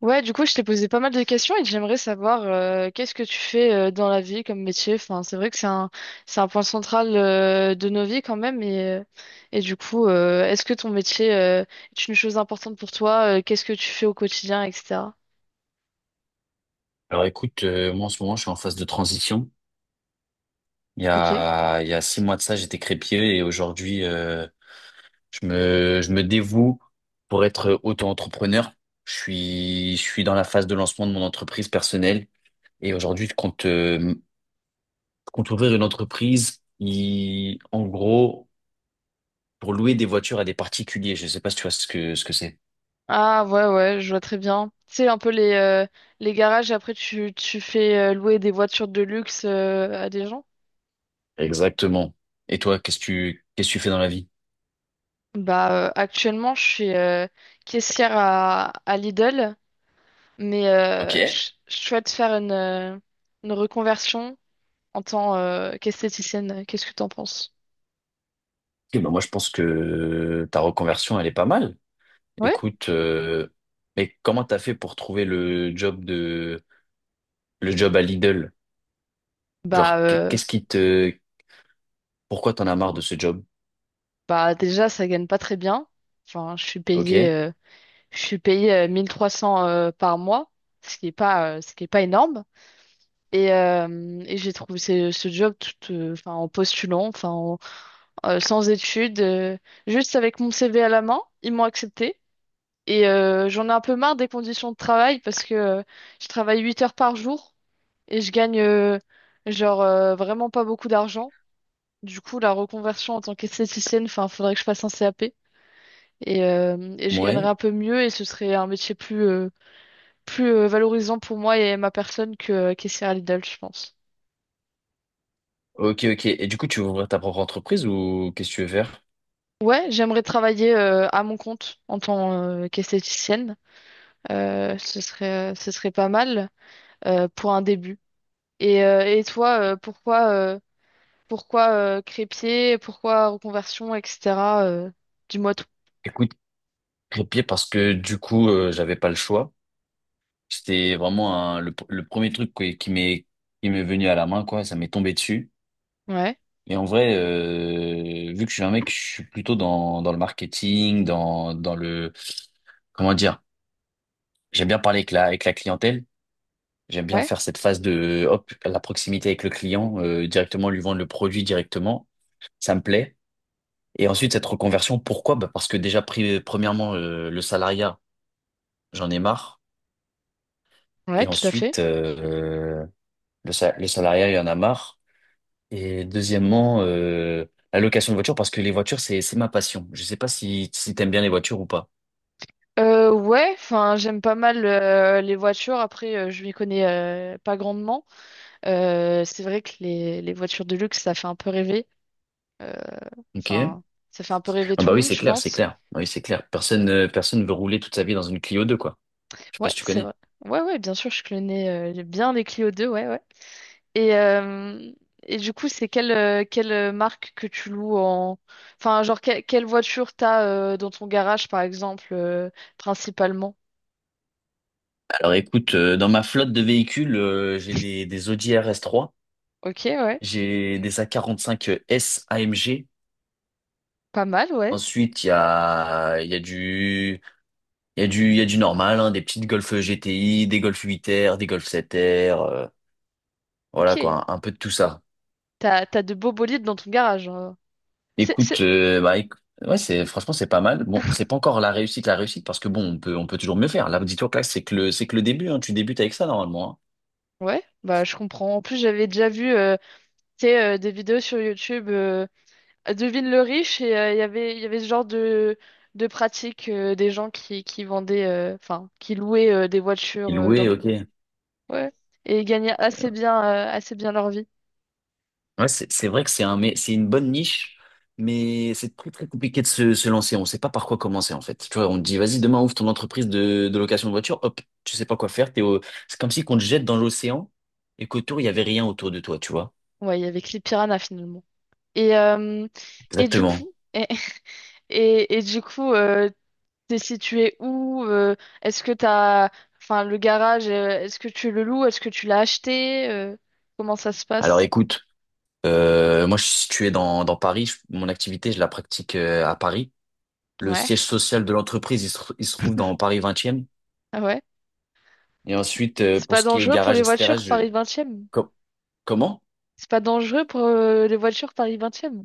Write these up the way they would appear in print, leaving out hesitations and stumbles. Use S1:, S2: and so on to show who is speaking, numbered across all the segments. S1: Ouais, du coup, je t'ai posé pas mal de questions et j'aimerais savoir qu'est-ce que tu fais dans la vie comme métier. Enfin, c'est vrai que c'est un point central de nos vies quand même. Et du coup, est-ce que ton métier est une chose importante pour toi? Qu'est-ce que tu fais au quotidien, etc.
S2: Alors écoute, moi en ce moment je suis en phase de transition. Il y
S1: Ok.
S2: a, il y a 6 mois de ça, j'étais crépier et aujourd'hui, je me dévoue pour être auto-entrepreneur. Je suis dans la phase de lancement de mon entreprise personnelle et aujourd'hui je compte ouvrir une entreprise qui, en gros, pour louer des voitures à des particuliers. Je sais pas si tu vois ce que c'est.
S1: Ah ouais, ouais, je vois très bien. Tu sais, un peu les garages, et après tu fais louer des voitures de luxe à des gens.
S2: Exactement. Et toi, qu'est-ce que tu fais dans la vie?
S1: Bah, actuellement, je suis caissière à Lidl. Mais
S2: Ok.
S1: je souhaite faire une reconversion en tant qu'esthéticienne. Qu'est-ce que t'en penses?
S2: Eh ben moi je pense que ta reconversion elle est pas mal.
S1: Ouais.
S2: Écoute, mais comment t'as fait pour trouver le job à Lidl?
S1: Bah,
S2: Genre,
S1: euh,
S2: qu'est-ce qui te, pourquoi t'en as marre de ce job?
S1: bah, déjà, ça gagne pas très bien. Enfin, je suis
S2: Ok,
S1: payée, euh, je suis payée euh, 1300 par mois, ce qui est pas, ce qui est pas énorme. Et j'ai trouvé ce job tout, enfin, en postulant, enfin, sans études, juste avec mon CV à la main, ils m'ont accepté. Et j'en ai un peu marre des conditions de travail parce que je travaille 8 heures par jour et je gagne vraiment pas beaucoup d'argent. Du coup, la reconversion en tant qu'esthéticienne, enfin, faudrait que je fasse un CAP et je gagnerais
S2: ouais,
S1: un peu mieux et ce serait un métier plus valorisant pour moi et ma personne que caissière à Lidl, je pense.
S2: ok, ok. Et du coup, tu veux ouvrir ta propre entreprise ou qu'est-ce que tu veux faire?
S1: Ouais, j'aimerais travailler à mon compte en tant qu'esthéticienne. Ce serait pas mal pour un début. Et toi, pourquoi crépier, pourquoi reconversion, etc. euh, dis-moi tout.
S2: Écoute, crépier parce que du coup, j'avais pas le choix. C'était vraiment le premier truc qui m'est venu à la main, quoi. Ça m'est tombé dessus.
S1: Ouais,
S2: Et en vrai, vu que je suis un mec, je suis plutôt dans le marketing, dans le comment dire. J'aime bien parler avec la clientèle. J'aime bien
S1: ouais,
S2: faire cette phase de, hop, la proximité avec le client, directement lui vendre le produit directement. Ça me plaît. Et ensuite, cette reconversion, pourquoi? Bah, parce que déjà, premièrement, le salariat, j'en ai marre.
S1: ouais,
S2: Et
S1: tout à fait.
S2: ensuite, le salariat, il y en a marre. Et deuxièmement, la location de voiture, parce que les voitures, c'est ma passion. Je sais pas si t'aimes bien les voitures ou pas.
S1: Ouais, enfin, j'aime pas mal les voitures. Après, je m'y connais pas grandement. C'est vrai que les voitures de luxe, ça fait un peu rêver. Euh,
S2: Ok?
S1: Enfin, ça fait un peu rêver
S2: Ah
S1: tout
S2: bah
S1: le
S2: oui,
S1: monde,
S2: c'est
S1: je
S2: clair, c'est
S1: pense.
S2: clair. Ah oui, c'est clair. Personne, personne veut rouler toute sa vie dans une Clio 2, quoi. Je sais pas
S1: Ouais,
S2: si tu
S1: c'est
S2: connais.
S1: vrai. Ouais, ouais, bien sûr, je connais bien les Clio 2. Ouais, ouais. Et, euh, et du coup, c'est quelle marque que tu loues en... Enfin, genre, quelle voiture t'as dans ton garage, par exemple, principalement?
S2: Alors écoute, dans ma flotte de véhicules, j'ai des Audi RS3,
S1: Ok, ouais.
S2: j'ai des A45 S AMG.
S1: Pas mal, ouais.
S2: Ensuite, il y a du, il y a du, il y a du normal, hein, des petites Golf GTI, des Golf 8R, des Golf 7R, voilà
S1: Ok.
S2: quoi, un peu de tout ça.
S1: T'as de beaux bolides dans ton garage, hein. C'est,
S2: Écoute,
S1: c'est...
S2: euh, bah, éc- ouais, c'est franchement c'est pas mal. Bon, c'est pas encore la réussite parce que bon, on peut toujours mieux faire. Là, dis-toi que là, c'est que le début, hein, tu débutes avec ça normalement. Hein.
S1: Ouais, bah je comprends. En plus, j'avais déjà vu tu sais, des vidéos sur YouTube, Devine le riche, et il y avait ce genre de pratique des gens qui vendaient, enfin, qui louaient des
S2: Il
S1: voitures dans
S2: louait,
S1: des.
S2: ok.
S1: Ouais. Et ils gagnaient assez bien leur vie.
S2: Ouais, c'est vrai que c'est un, mais c'est une bonne niche, mais c'est très très compliqué de se lancer. On sait pas par quoi commencer en fait. Tu vois, on te dit vas-y demain ouvre ton entreprise de location de voiture. Hop, tu sais pas quoi faire. T'es au... C'est comme si qu'on te jette dans l'océan et qu'autour il y avait rien autour de toi. Tu vois.
S1: Ouais, avec les piranhas finalement. Et, euh, et du
S2: Exactement.
S1: coup, et, et du coup, t'es situé où? Est-ce que t'as, enfin, le garage, est-ce que tu le loues? Est-ce que tu l'as acheté? Comment ça se
S2: Alors
S1: passe?
S2: écoute, euh, moi je suis situé dans Paris. Mon activité je la pratique à Paris. Le
S1: Ouais.
S2: siège social de l'entreprise il se trouve dans Paris 20e.
S1: Ah ouais.
S2: Et ensuite
S1: C'est
S2: pour
S1: pas
S2: ce qui est
S1: dangereux pour
S2: garage,
S1: les
S2: etc.
S1: voitures
S2: Je
S1: Paris 20e.
S2: com- comment?
S1: C'est pas dangereux pour les voitures Paris 20e.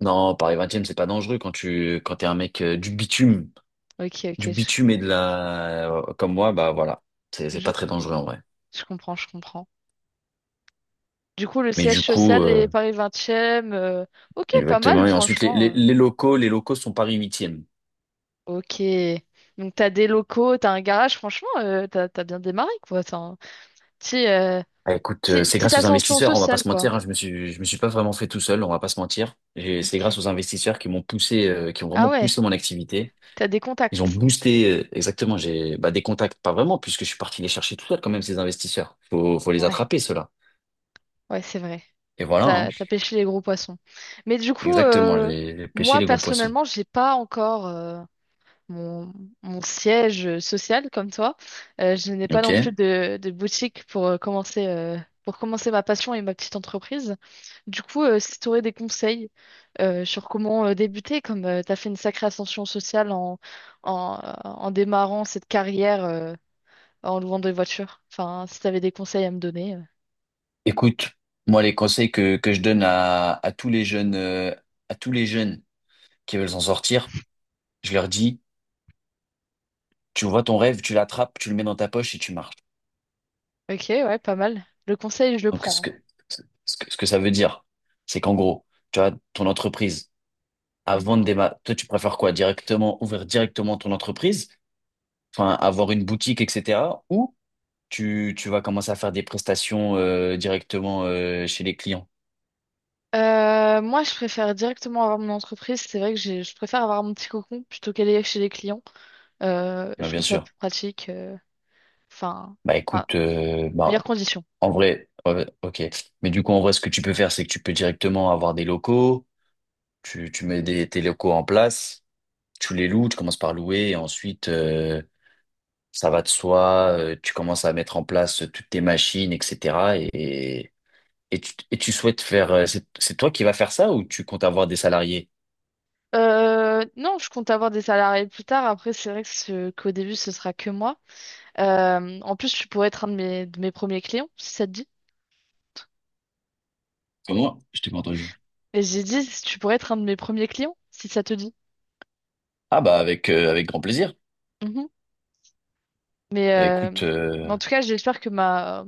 S2: Non, Paris 20e, c'est pas dangereux quand tu quand t'es un mec
S1: Ok, ok,
S2: du bitume et de la comme moi, bah voilà, c'est
S1: je,
S2: pas très dangereux en vrai.
S1: je comprends, je comprends. Du coup, le
S2: Mais
S1: siège
S2: du coup,
S1: social est Paris 20e. euh, ok, pas
S2: exactement.
S1: mal,
S2: Et ensuite, les,
S1: franchement.
S2: les, les locaux, les locaux sont Paris 8e.
S1: Ok. Donc, t'as des locaux, t'as un garage, franchement, t'as bien démarré, quoi. T'as un petit, euh,
S2: Ah, écoute, c'est
S1: petite
S2: grâce aux
S1: ascension
S2: investisseurs, on va pas
S1: sociale,
S2: se
S1: quoi.
S2: mentir. Hein, je me suis pas vraiment fait tout seul, on va pas se mentir. C'est grâce
S1: Ok.
S2: aux investisseurs qui m'ont poussé, qui ont
S1: Ah
S2: vraiment
S1: ouais,
S2: poussé mon activité.
S1: t'as des
S2: Ils ont
S1: contacts.
S2: boosté exactement. J'ai bah, des contacts, pas vraiment, puisque je suis parti les chercher tout seul quand même ces investisseurs. Faut les
S1: Ouais,
S2: attraper ceux-là.
S1: ouais, c'est vrai.
S2: Et voilà. Hein.
S1: T'as pêché les gros poissons. Mais du coup,
S2: Exactement, les pêcher
S1: moi,
S2: les gros poissons.
S1: personnellement, j'ai pas encore mon, mon siège social comme toi. Je n'ai pas non plus
S2: Ok.
S1: de boutique pour commencer ma passion et ma petite entreprise. Du coup, si tu aurais des conseils sur comment débuter, comme tu as fait une sacrée ascension sociale en démarrant cette carrière en louant des voitures, enfin, si tu avais des conseils à me donner.
S2: Écoute, moi les conseils que je donne à tous les jeunes à tous les jeunes qui veulent s'en sortir, je leur dis, tu vois ton rêve, tu l'attrapes, tu le mets dans ta poche et tu marches.
S1: Ok, ouais, pas mal. Le conseil, je le
S2: Donc ce
S1: prends,
S2: que ce que, ce que ça veut dire, c'est qu'en gros, tu as ton entreprise
S1: hein.
S2: avant
S1: Mhm.
S2: de démarrer, toi tu préfères quoi? Directement ouvrir directement ton entreprise, enfin avoir une boutique, etc. Ou tu vas commencer à faire des prestations directement chez les clients.
S1: Moi, je préfère directement avoir mon entreprise. C'est vrai que je préfère avoir mon petit cocon plutôt qu'aller chez les clients.
S2: Ouais,
S1: Je
S2: bien
S1: trouve ça
S2: sûr.
S1: plus pratique. Enfin,
S2: Bah
S1: ah,
S2: écoute,
S1: meilleures
S2: bah,
S1: conditions.
S2: en vrai, ok. Mais du coup, en vrai, ce que tu peux faire, c'est que tu peux directement avoir des locaux, tu mets tes locaux en place, tu les loues, tu commences par louer, et ensuite, ça va de soi, tu commences à mettre en place toutes tes machines, etc. Et tu souhaites faire... C'est toi qui vas faire ça ou tu comptes avoir des salariés?
S1: Non, je compte avoir des salariés plus tard. Après, c'est vrai que qu'au début, ce sera que moi. En plus, tu pourrais être un de mes premiers clients, si ça te dit.
S2: Comme moi, je t'ai pas entendu.
S1: Et j'ai dit, tu pourrais être un de mes premiers clients, si ça te dit.
S2: Ah bah avec, avec grand plaisir.
S1: Mhm. Mais,
S2: Bah
S1: euh,
S2: écoute...
S1: mais, en tout cas, j'espère que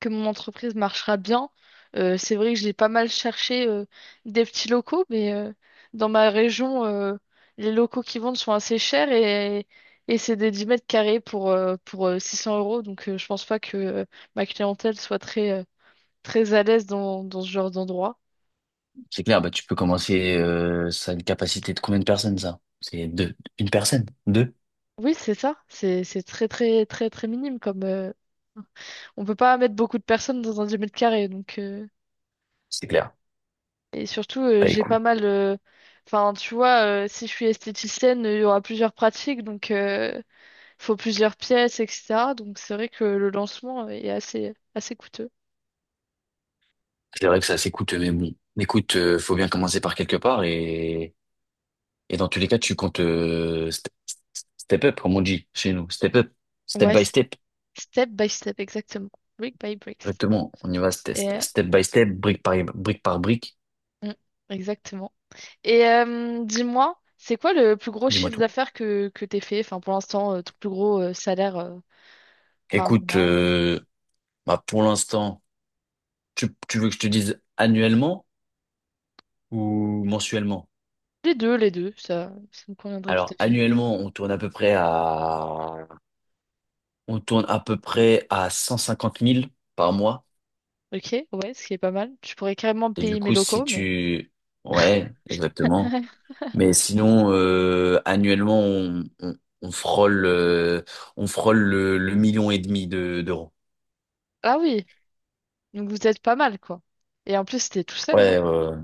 S1: que mon entreprise marchera bien. C'est vrai que j'ai pas mal cherché des petits locaux, mais dans ma région, les locaux qui vendent sont assez chers et c'est des 10 mètres carrés pour 600 euros. Donc je pense pas que ma clientèle soit très à l'aise dans ce genre d'endroit.
S2: C'est clair, bah, tu peux commencer, ça a une capacité de combien de personnes, ça? C'est deux. Une personne? Deux?
S1: Oui, c'est ça. C'est très, très, très, très minime comme... on peut pas mettre beaucoup de personnes dans un 10 mètres carrés, donc...
S2: C'est clair.
S1: Et surtout,
S2: Bah,
S1: j'ai pas
S2: écoute.
S1: mal. Enfin, tu vois, si je suis esthéticienne, il y aura plusieurs pratiques, donc il faut plusieurs pièces, etc. Donc c'est vrai que le lancement est assez coûteux.
S2: C'est vrai que ça s'écoute, mais bon. Écoute, faut bien commencer par quelque part et dans tous les cas, tu comptes, step up, comme on dit chez nous. Step up. Step
S1: Ouais,
S2: by
S1: c'est
S2: step.
S1: step by step, exactement. Brick by bricks.
S2: Exactement. On y va
S1: Et,
S2: step by step, brique par brique.
S1: mm, exactement. Et dis-moi, c'est quoi le plus gros
S2: Dis-moi
S1: chiffre
S2: tout.
S1: d'affaires que t'aies fait? Enfin, pour l'instant, ton plus gros salaire par
S2: Écoute,
S1: mois.
S2: euh, bah, pour l'instant, tu veux que je te dise annuellement ou mensuellement?
S1: Les deux, ça me conviendrait tout à
S2: Alors,
S1: fait.
S2: annuellement, on tourne à peu près à 150 000 par mois.
S1: Ok, ouais, ce qui est pas mal. Tu pourrais carrément
S2: Et du
S1: payer mes
S2: coup, si
S1: locaux, mais.
S2: tu, ouais, exactement.
S1: Ouais.
S2: Mais sinon, annuellement, on frôle, euh, on frôle le million et demi d'euros.
S1: Ah oui, donc vous êtes pas mal, quoi. Et en plus, c'était tout seul, non?
S2: Ouais, ouais, ouais.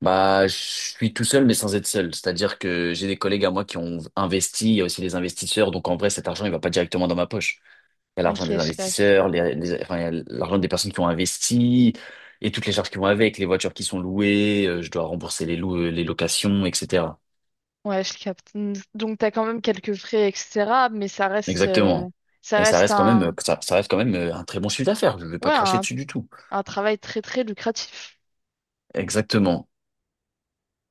S2: Bah, je suis tout seul, mais sans être seul. C'est-à-dire que j'ai des collègues à moi qui ont investi. Il y a aussi des investisseurs. Donc, en vrai, cet argent, il va pas directement dans ma poche. Il y a
S1: Ok,
S2: l'argent des
S1: je capte.
S2: investisseurs, enfin, il y a l'argent des personnes qui ont investi et toutes les charges qui vont avec, les voitures qui sont louées, je dois rembourser les locations, etc.
S1: Ouais, je capte. Donc t'as quand même quelques frais, etc. Mais ça reste, euh,
S2: Exactement.
S1: ça
S2: Mais ça
S1: reste
S2: reste quand même,
S1: un,
S2: ça reste quand même un très bon chiffre d'affaires. Je ne vais pas
S1: ouais,
S2: cracher
S1: un,
S2: dessus du tout.
S1: un travail très très lucratif.
S2: Exactement.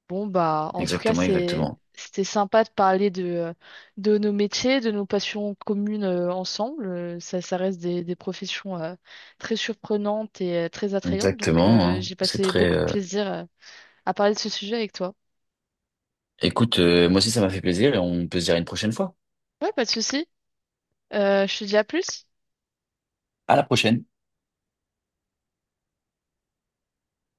S1: Bon bah, en tout cas,
S2: Exactement, exactement.
S1: c'était sympa de parler de nos métiers, de nos passions communes ensemble. Ça reste des professions très surprenantes et très attrayantes. Donc
S2: Exactement, hein.
S1: j'ai
S2: C'est
S1: passé
S2: très,
S1: beaucoup de
S2: euh,
S1: plaisir à parler de ce sujet avec toi.
S2: écoute, euh, moi aussi ça m'a fait plaisir et on peut se dire à une prochaine fois.
S1: Ouais, pas de souci. Je te dis à plus.
S2: À la prochaine.